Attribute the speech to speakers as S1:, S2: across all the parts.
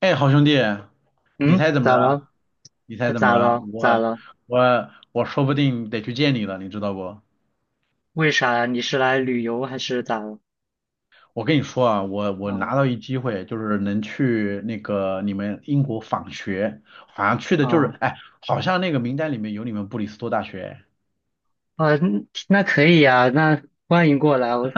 S1: 哎，好兄弟，你
S2: 嗯，
S1: 猜怎么
S2: 咋
S1: 着
S2: 了？
S1: 啊？你猜
S2: 那
S1: 怎么
S2: 咋
S1: 着啊？
S2: 了？咋
S1: 我
S2: 了？
S1: 我我说不定得去见你了，你知道不？
S2: 为啥呀？你是来旅游还是咋了？
S1: 我跟你说啊，我拿
S2: 啊
S1: 到一机会，就是能去那个你们英国访学，好像去的就是，
S2: 啊
S1: 哎，好像那个名单里面有你们布里斯托大学，
S2: 啊！嗯，那可以呀，那欢迎过来。我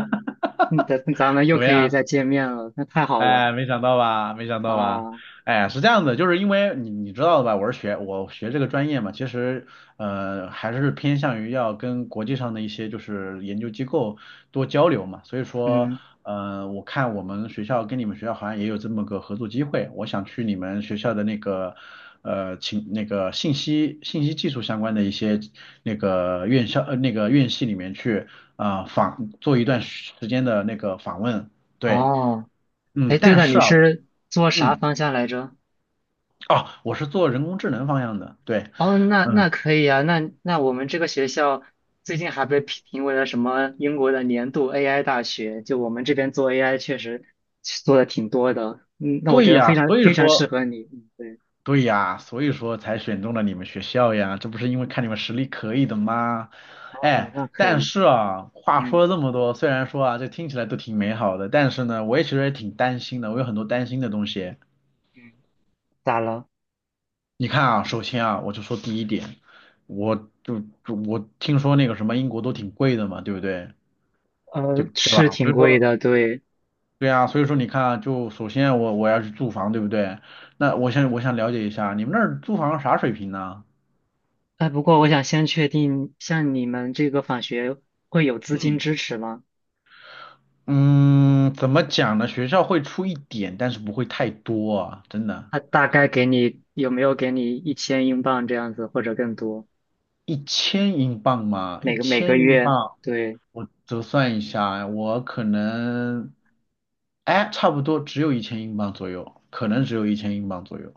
S2: 嗯咱咱们又
S1: 怎么
S2: 可以
S1: 样？
S2: 再见面了，那太好了！
S1: 哎，没想到吧，没想到吧，
S2: 啊！
S1: 哎，是这样的，就是因为你知道的吧，我学这个专业嘛，其实还是偏向于要跟国际上的一些就是研究机构多交流嘛，所以说
S2: 嗯，
S1: 我看我们学校跟你们学校好像也有这么个合作机会，我想去你们学校的那个那个信息技术相关的一些那个院校那个院系里面去做一段时间的那个访问，对。
S2: 哦，
S1: 嗯，
S2: 哎，对
S1: 但
S2: 了，
S1: 是
S2: 你
S1: 啊，我
S2: 是做啥
S1: 嗯。
S2: 方向来着？
S1: 哦，我是做人工智能方向的，对。
S2: 哦，那
S1: 嗯，
S2: 那可以啊。那我们这个学校最近还被评为了什么英国的年度 AI 大学，就我们这边做 AI 确实做的挺多的。嗯，那我
S1: 对
S2: 觉得非
S1: 呀，
S2: 常
S1: 所以
S2: 非常适
S1: 说，
S2: 合你。嗯，对。
S1: 对呀，所以说才选中了你们学校呀，这不是因为看你们实力可以的吗？
S2: 哦，
S1: 哎，
S2: 那可
S1: 但
S2: 以。
S1: 是啊，话说
S2: 嗯
S1: 了这么多，虽然说啊，这听起来都挺美好的，但是呢，我也其实也挺担心的，我有很多担心的东西。
S2: 嗯。咋了？
S1: 你看啊，首先啊，我就说第一点，我就就我听说那个什么英国都挺贵的嘛，对不对？就对
S2: 是
S1: 吧？
S2: 挺
S1: 所以
S2: 贵
S1: 说。
S2: 的，对。
S1: 对啊，所以说你看啊，就首先我要去租房，对不对？那我想了解一下，你们那儿租房啥水平呢？
S2: 哎，不过我想先确定，像你们这个访学会有资金
S1: 嗯。
S2: 支持吗？
S1: 嗯，怎么讲呢？学校会出一点，但是不会太多啊，真的。
S2: 他大概有没有给你一千英镑这样子，或者更多？
S1: 一千英镑吗？一
S2: 每个每个
S1: 千英
S2: 月，
S1: 镑。
S2: 对。
S1: 我折算一下，我可能，哎，差不多只有一千英镑左右，可能只有一千英镑左右。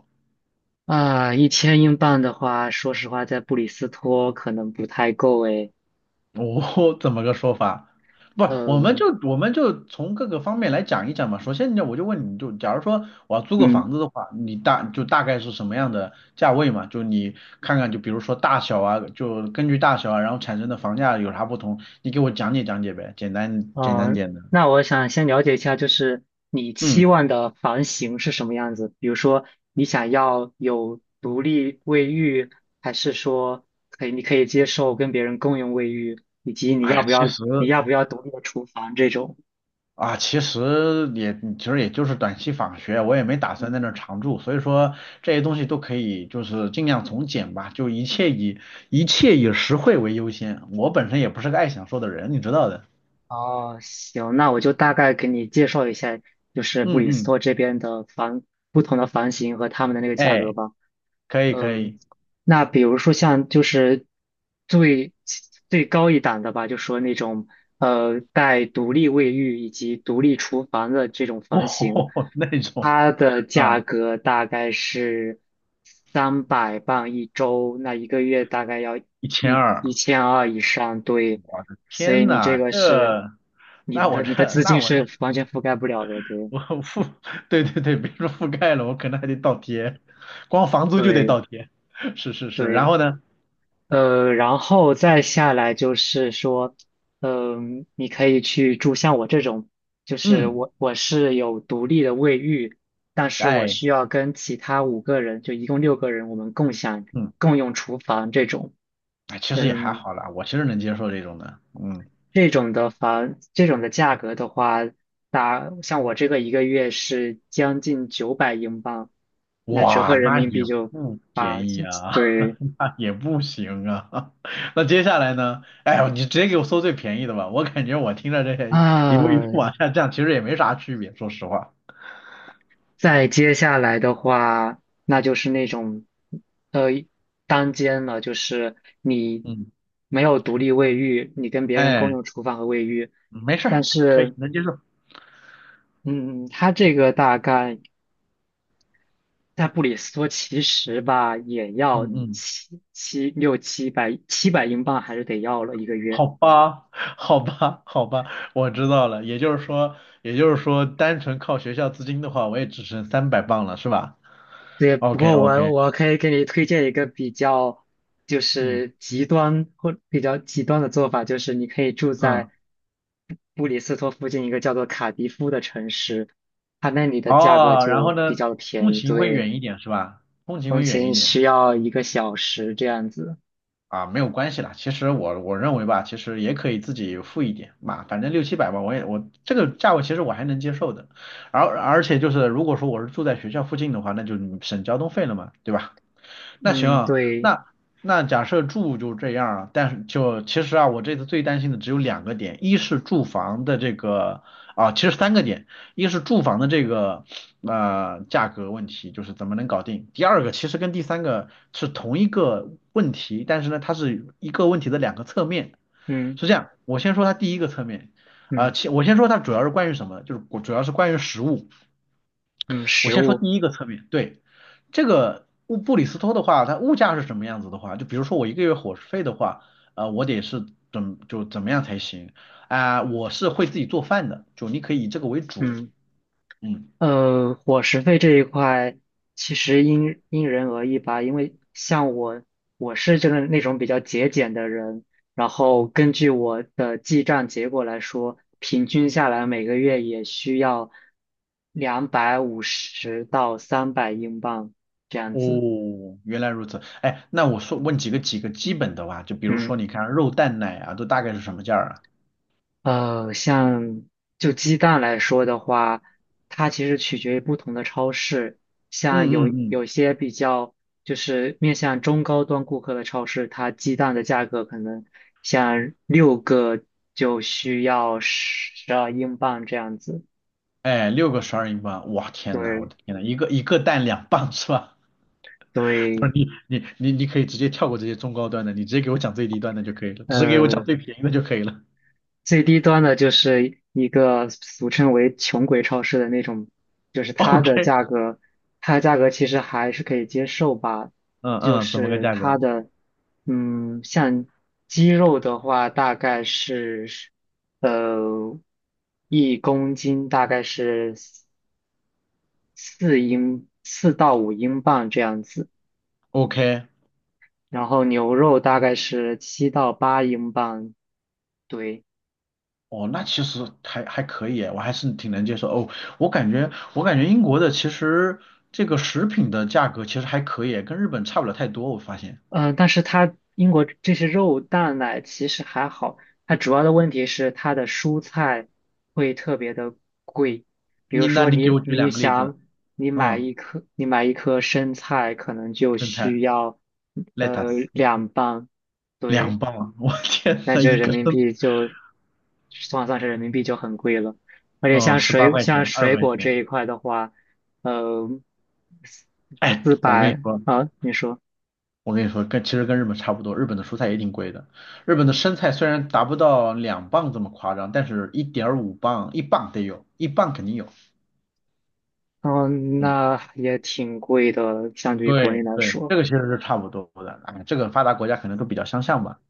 S2: 啊，一千英镑的话，说实话，在布里斯托可能不太够诶。
S1: 我怎么个说法？不，我们就
S2: 嗯
S1: 我们就从各个方面来讲一讲嘛。首先呢，我就问你就，假如说我要租个房
S2: 嗯。
S1: 子的话，你大概是什么样的价位嘛？就你看看，就比如说大小啊，就根据大小啊，然后产生的房价有啥不同，你给我讲解讲解呗，简单
S2: 嗯，
S1: 点的。
S2: 那我想先了解一下，就是你期
S1: 嗯，
S2: 望的房型是什么样子？比如说，你想要有独立卫浴，还是说你可以接受跟别人共用卫浴，以及你要
S1: 哎，
S2: 不
S1: 其
S2: 要
S1: 实。
S2: 你要不要独立的厨房这种？
S1: 啊，其实也就是短期访学，我也没打算在
S2: 嗯。
S1: 那儿常住，所以说这些东西都可以就是尽量从简吧，就一切以实惠为优先。我本身也不是个爱享受的人，你知道的。
S2: 哦，行，那我就大概给你介绍一下，就是布
S1: 嗯
S2: 里斯
S1: 嗯，
S2: 托这边的房，不同的房型和他们的那个价格
S1: 哎，
S2: 吧。
S1: 可以可
S2: 嗯，
S1: 以，
S2: 那比如说像就是最最高一档的吧，就说那种带独立卫浴以及独立厨房的这种房型，
S1: 哦，那种，
S2: 它的
S1: 啊，
S2: 价格大概是300磅一周，那一个月大概要
S1: 一千
S2: 一
S1: 二，
S2: 一千二以上，对。所以
S1: 天
S2: 你这
S1: 呐，
S2: 个
S1: 这
S2: 是你
S1: 那我
S2: 的你的
S1: 这
S2: 资
S1: 那
S2: 金
S1: 我
S2: 是
S1: 这
S2: 完全覆盖不了的，对
S1: 我覆，对对对，别说覆盖了，我可能还得倒贴，光房租就得
S2: 对
S1: 倒贴。是是是，然
S2: 对。
S1: 后呢。
S2: 然后再下来就是说，你可以去住像我这种，就是
S1: 嗯。
S2: 我是有独立的卫浴，但是我
S1: 哎，
S2: 需要跟其他5个人，就一共6个人，我们共享
S1: 嗯，
S2: 共用厨房这种。
S1: 哎，其实也还
S2: 嗯，
S1: 好啦，我其实能接受这种的。嗯，
S2: 这种的房，这种的价格的话，像我这个一个月是将近900英镑，那折合
S1: 哇，
S2: 人
S1: 那
S2: 民币
S1: 也
S2: 就
S1: 不
S2: 八。
S1: 便宜啊，
S2: 对
S1: 那也不行啊。那接下来呢？哎呦你直接给我搜最便宜的吧，我感觉我听着这些一步一
S2: 啊。
S1: 步往下降，其实也没啥区别，说实话。
S2: 再接下来的话，那就是那种，呃，单间了，就是你
S1: 嗯，
S2: 没有独立卫浴，你跟别人共
S1: 哎，
S2: 用厨房和卫浴。
S1: 没事
S2: 但
S1: 儿，可以
S2: 是，
S1: 能接受。
S2: 嗯，它这个大概在布里斯托其实吧，也
S1: 嗯
S2: 要
S1: 嗯，
S2: 七百英镑，还是得要了一个月。
S1: 好吧，好吧，好吧，我知道了。也就是说，也就是说，单纯靠学校资金的话，我也只剩300磅了，是吧
S2: 对。不
S1: ？OK
S2: 过我
S1: OK，
S2: 我可以给你推荐一个比较就
S1: 嗯
S2: 是极端或比较极端的做法，就是你可以住在
S1: 嗯。
S2: 布里斯托附近一个叫做卡迪夫的城市，它那里的价格
S1: 哦，然后
S2: 就
S1: 呢，
S2: 比较
S1: 通
S2: 便宜，
S1: 勤会
S2: 对。
S1: 远一点是吧？通勤
S2: 通
S1: 会远一
S2: 勤
S1: 点
S2: 需要1个小时这样子。
S1: 啊，没有关系啦。其实我认为吧，其实也可以自己付一点嘛，反正六七百吧，我这个价位其实我还能接受的。而且就是如果说我是住在学校附近的话，那就省交通费了嘛，对吧？那行
S2: 嗯，
S1: 啊，
S2: 对。
S1: 那那假设住就这样啊，但是就其实啊，我这次最担心的只有两个点，一是住房的这个啊，其实三个点，一是住房的这个价格问题，就是怎么能搞定。第二个其实跟第三个是同一个问题，但是呢，它是一个问题的两个侧面。
S2: 嗯
S1: 是这样，我先说它第一个侧面。
S2: 嗯
S1: 我先说它主要是关于什么，就是主要是关于食物。
S2: 嗯。
S1: 我
S2: 食
S1: 先说
S2: 物。
S1: 第一个侧面，对。这个布里斯托的话，它物价是什么样子的话，就比如说我一个月伙食费的话，我得是怎么样才行我是会自己做饭的，就你可以以这个为主。
S2: 嗯。
S1: 嗯，
S2: 伙食费这一块其实因人而异吧，因为像我，我是那种比较节俭的人，然后根据我的记账结果来说，平均下来每个月也需要250到300英镑这样
S1: 哦，
S2: 子。
S1: 原来如此，哎，那我说问几个基本的吧，就比如
S2: 嗯。
S1: 说你看肉蛋奶啊，都大概是什么价儿啊？
S2: 呃，像就鸡蛋来说的话，它其实取决于不同的超市。像有
S1: 嗯嗯嗯，
S2: 有些比较就是面向中高端顾客的超市，它鸡蛋的价格可能像六个就需要12英镑这样子。
S1: 哎，六个12英镑，哇天呐，我
S2: 对
S1: 的天呐，一个一个蛋两磅是吧？
S2: 对。
S1: 你可以直接跳过这些中高端的，你直接给我讲最低端的就可以了，只给我讲
S2: 呃
S1: 最便宜的就可以了。
S2: 最低端的就是一个俗称为穷鬼超市的那种，就是 它的
S1: OK，
S2: 价格，它的价格其实还是可以接受吧。
S1: 嗯
S2: 就
S1: 嗯，怎么个
S2: 是
S1: 价
S2: 它
S1: 格
S2: 的，嗯，像鸡肉的话，大概是，呃，一公斤大概是四到五英镑这样子，
S1: ？OK，
S2: 然后牛肉大概是7到8英镑，对。
S1: 哦，那其实还可以，我还是挺能接受。哦，我感觉英国的其实这个食品的价格其实还可以，跟日本差不了太多。我发现，
S2: 嗯，但是它英国这些肉蛋奶其实还好，它主要的问题是它的蔬菜会特别的贵。比如
S1: 你那
S2: 说
S1: 你给
S2: 你
S1: 我举
S2: 你
S1: 两个例子。
S2: 想你买
S1: 嗯，
S2: 一颗你买一颗生菜可能就
S1: 生菜
S2: 需要
S1: lettuce
S2: 两磅，对。
S1: 2磅，我天
S2: 那
S1: 呐，
S2: 就
S1: 一
S2: 人
S1: 个
S2: 民
S1: 生，
S2: 币就算是人民币就很贵了。而且
S1: 哦，十八块
S2: 像
S1: 钱，二十
S2: 水
S1: 块
S2: 果这
S1: 钱。
S2: 一块的话，呃
S1: 哎，
S2: 四
S1: 我跟你
S2: 百
S1: 说。
S2: 啊，你说。
S1: 我跟你说，其实跟日本差不多，日本的蔬菜也挺贵的。日本的生菜虽然达不到两磅这么夸张，但是1.5磅，一磅得有，一磅肯定有。
S2: 嗯，
S1: 嗯，
S2: 那也挺贵的，相对于国内
S1: 对
S2: 来
S1: 对，
S2: 说。
S1: 这个其实是差不多的。哎，这个发达国家可能都比较相像吧。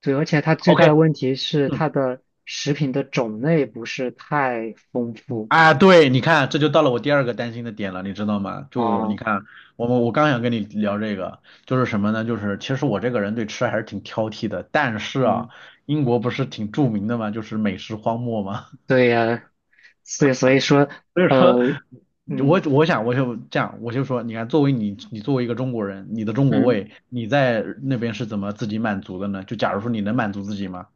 S2: 对，而且它最
S1: OK，
S2: 大的问题是
S1: 嗯，
S2: 它的食品的种类不是太丰富
S1: 啊，对，你看，这就到了我第二个担心的点了，你知道吗？就你
S2: 啊。
S1: 看，我刚想跟你聊这个，就是什么呢？就是其实我这个人对吃还是挺挑剔的，但是啊，
S2: 嗯，
S1: 英国不是挺著名的嘛，就是美食荒漠吗？
S2: 对呀，所以说，
S1: 所以
S2: 呃，
S1: 说，我
S2: 嗯
S1: 我想我就这样，我就说，你看，作为你你作为一个中国人，你的中国
S2: 嗯，
S1: 胃，你在那边是怎么自己满足的呢？就假如说你能满足自己吗？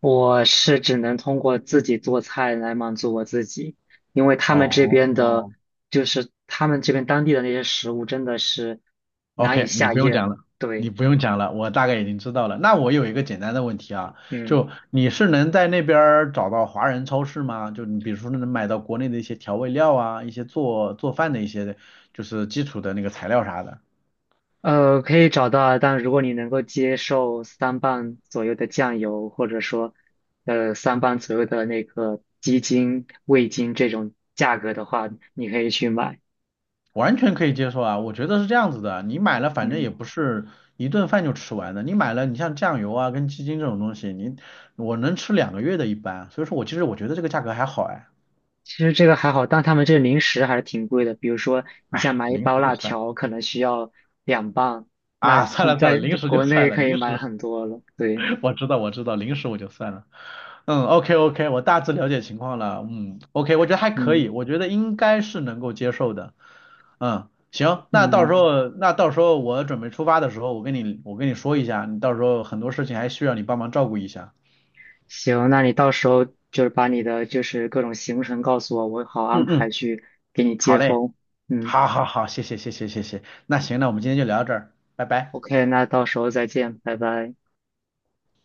S2: 我是只能通过自己做菜来满足我自己，因为他们这
S1: 哦
S2: 边的，
S1: 哦
S2: 就是他们这边当地的那些食物真的是难以
S1: ，OK，你
S2: 下
S1: 不用
S2: 咽。
S1: 讲了，你
S2: 对。
S1: 不用讲了，我大概已经知道了。那我有一个简单的问题啊，
S2: 嗯。
S1: 就你是能在那边儿找到华人超市吗？就你比如说能买到国内的一些调味料啊，一些做饭的一些就是基础的那个材料啥的。
S2: 可以找到啊。但如果你能够接受三磅左右的酱油，或者说，三磅左右的那个鸡精、味精这种价格的话，你可以去买。
S1: 完全可以接受啊，我觉得是这样子的，你买了反正也
S2: 嗯，
S1: 不是一顿饭就吃完的，你买了你像酱油啊跟鸡精这种东西，我能吃2个月的一般，所以说我其实我觉得这个价格还好哎，
S2: 其实这个还好，但他们这个零食还是挺贵的。比如说，你
S1: 哎，
S2: 想买一
S1: 零
S2: 包
S1: 食就
S2: 辣
S1: 算
S2: 条，可能需要两磅，那
S1: 啊，算
S2: 你
S1: 了算了，
S2: 在
S1: 零食就
S2: 国
S1: 算
S2: 内
S1: 了，
S2: 可以
S1: 零食
S2: 买很多了。对。
S1: 我知道我知道，零食我就算了，嗯，OK OK，我大致了解情况了，嗯，OK，我觉得还可
S2: 嗯
S1: 以，我觉得应该是能够接受的，嗯，行，那到时
S2: 嗯。
S1: 候那到时候我准备出发的时候，我跟你说一下，你到时候很多事情还需要你帮忙照顾一下。
S2: 行，那你到时候就是把你的就是各种行程告诉我，我好安
S1: 嗯
S2: 排
S1: 嗯，
S2: 去给你
S1: 好
S2: 接
S1: 嘞，
S2: 风。嗯
S1: 好好好，谢谢谢谢谢谢，那行，那我们今天就聊到这儿，拜拜。
S2: ，OK,那到时候再见，拜拜。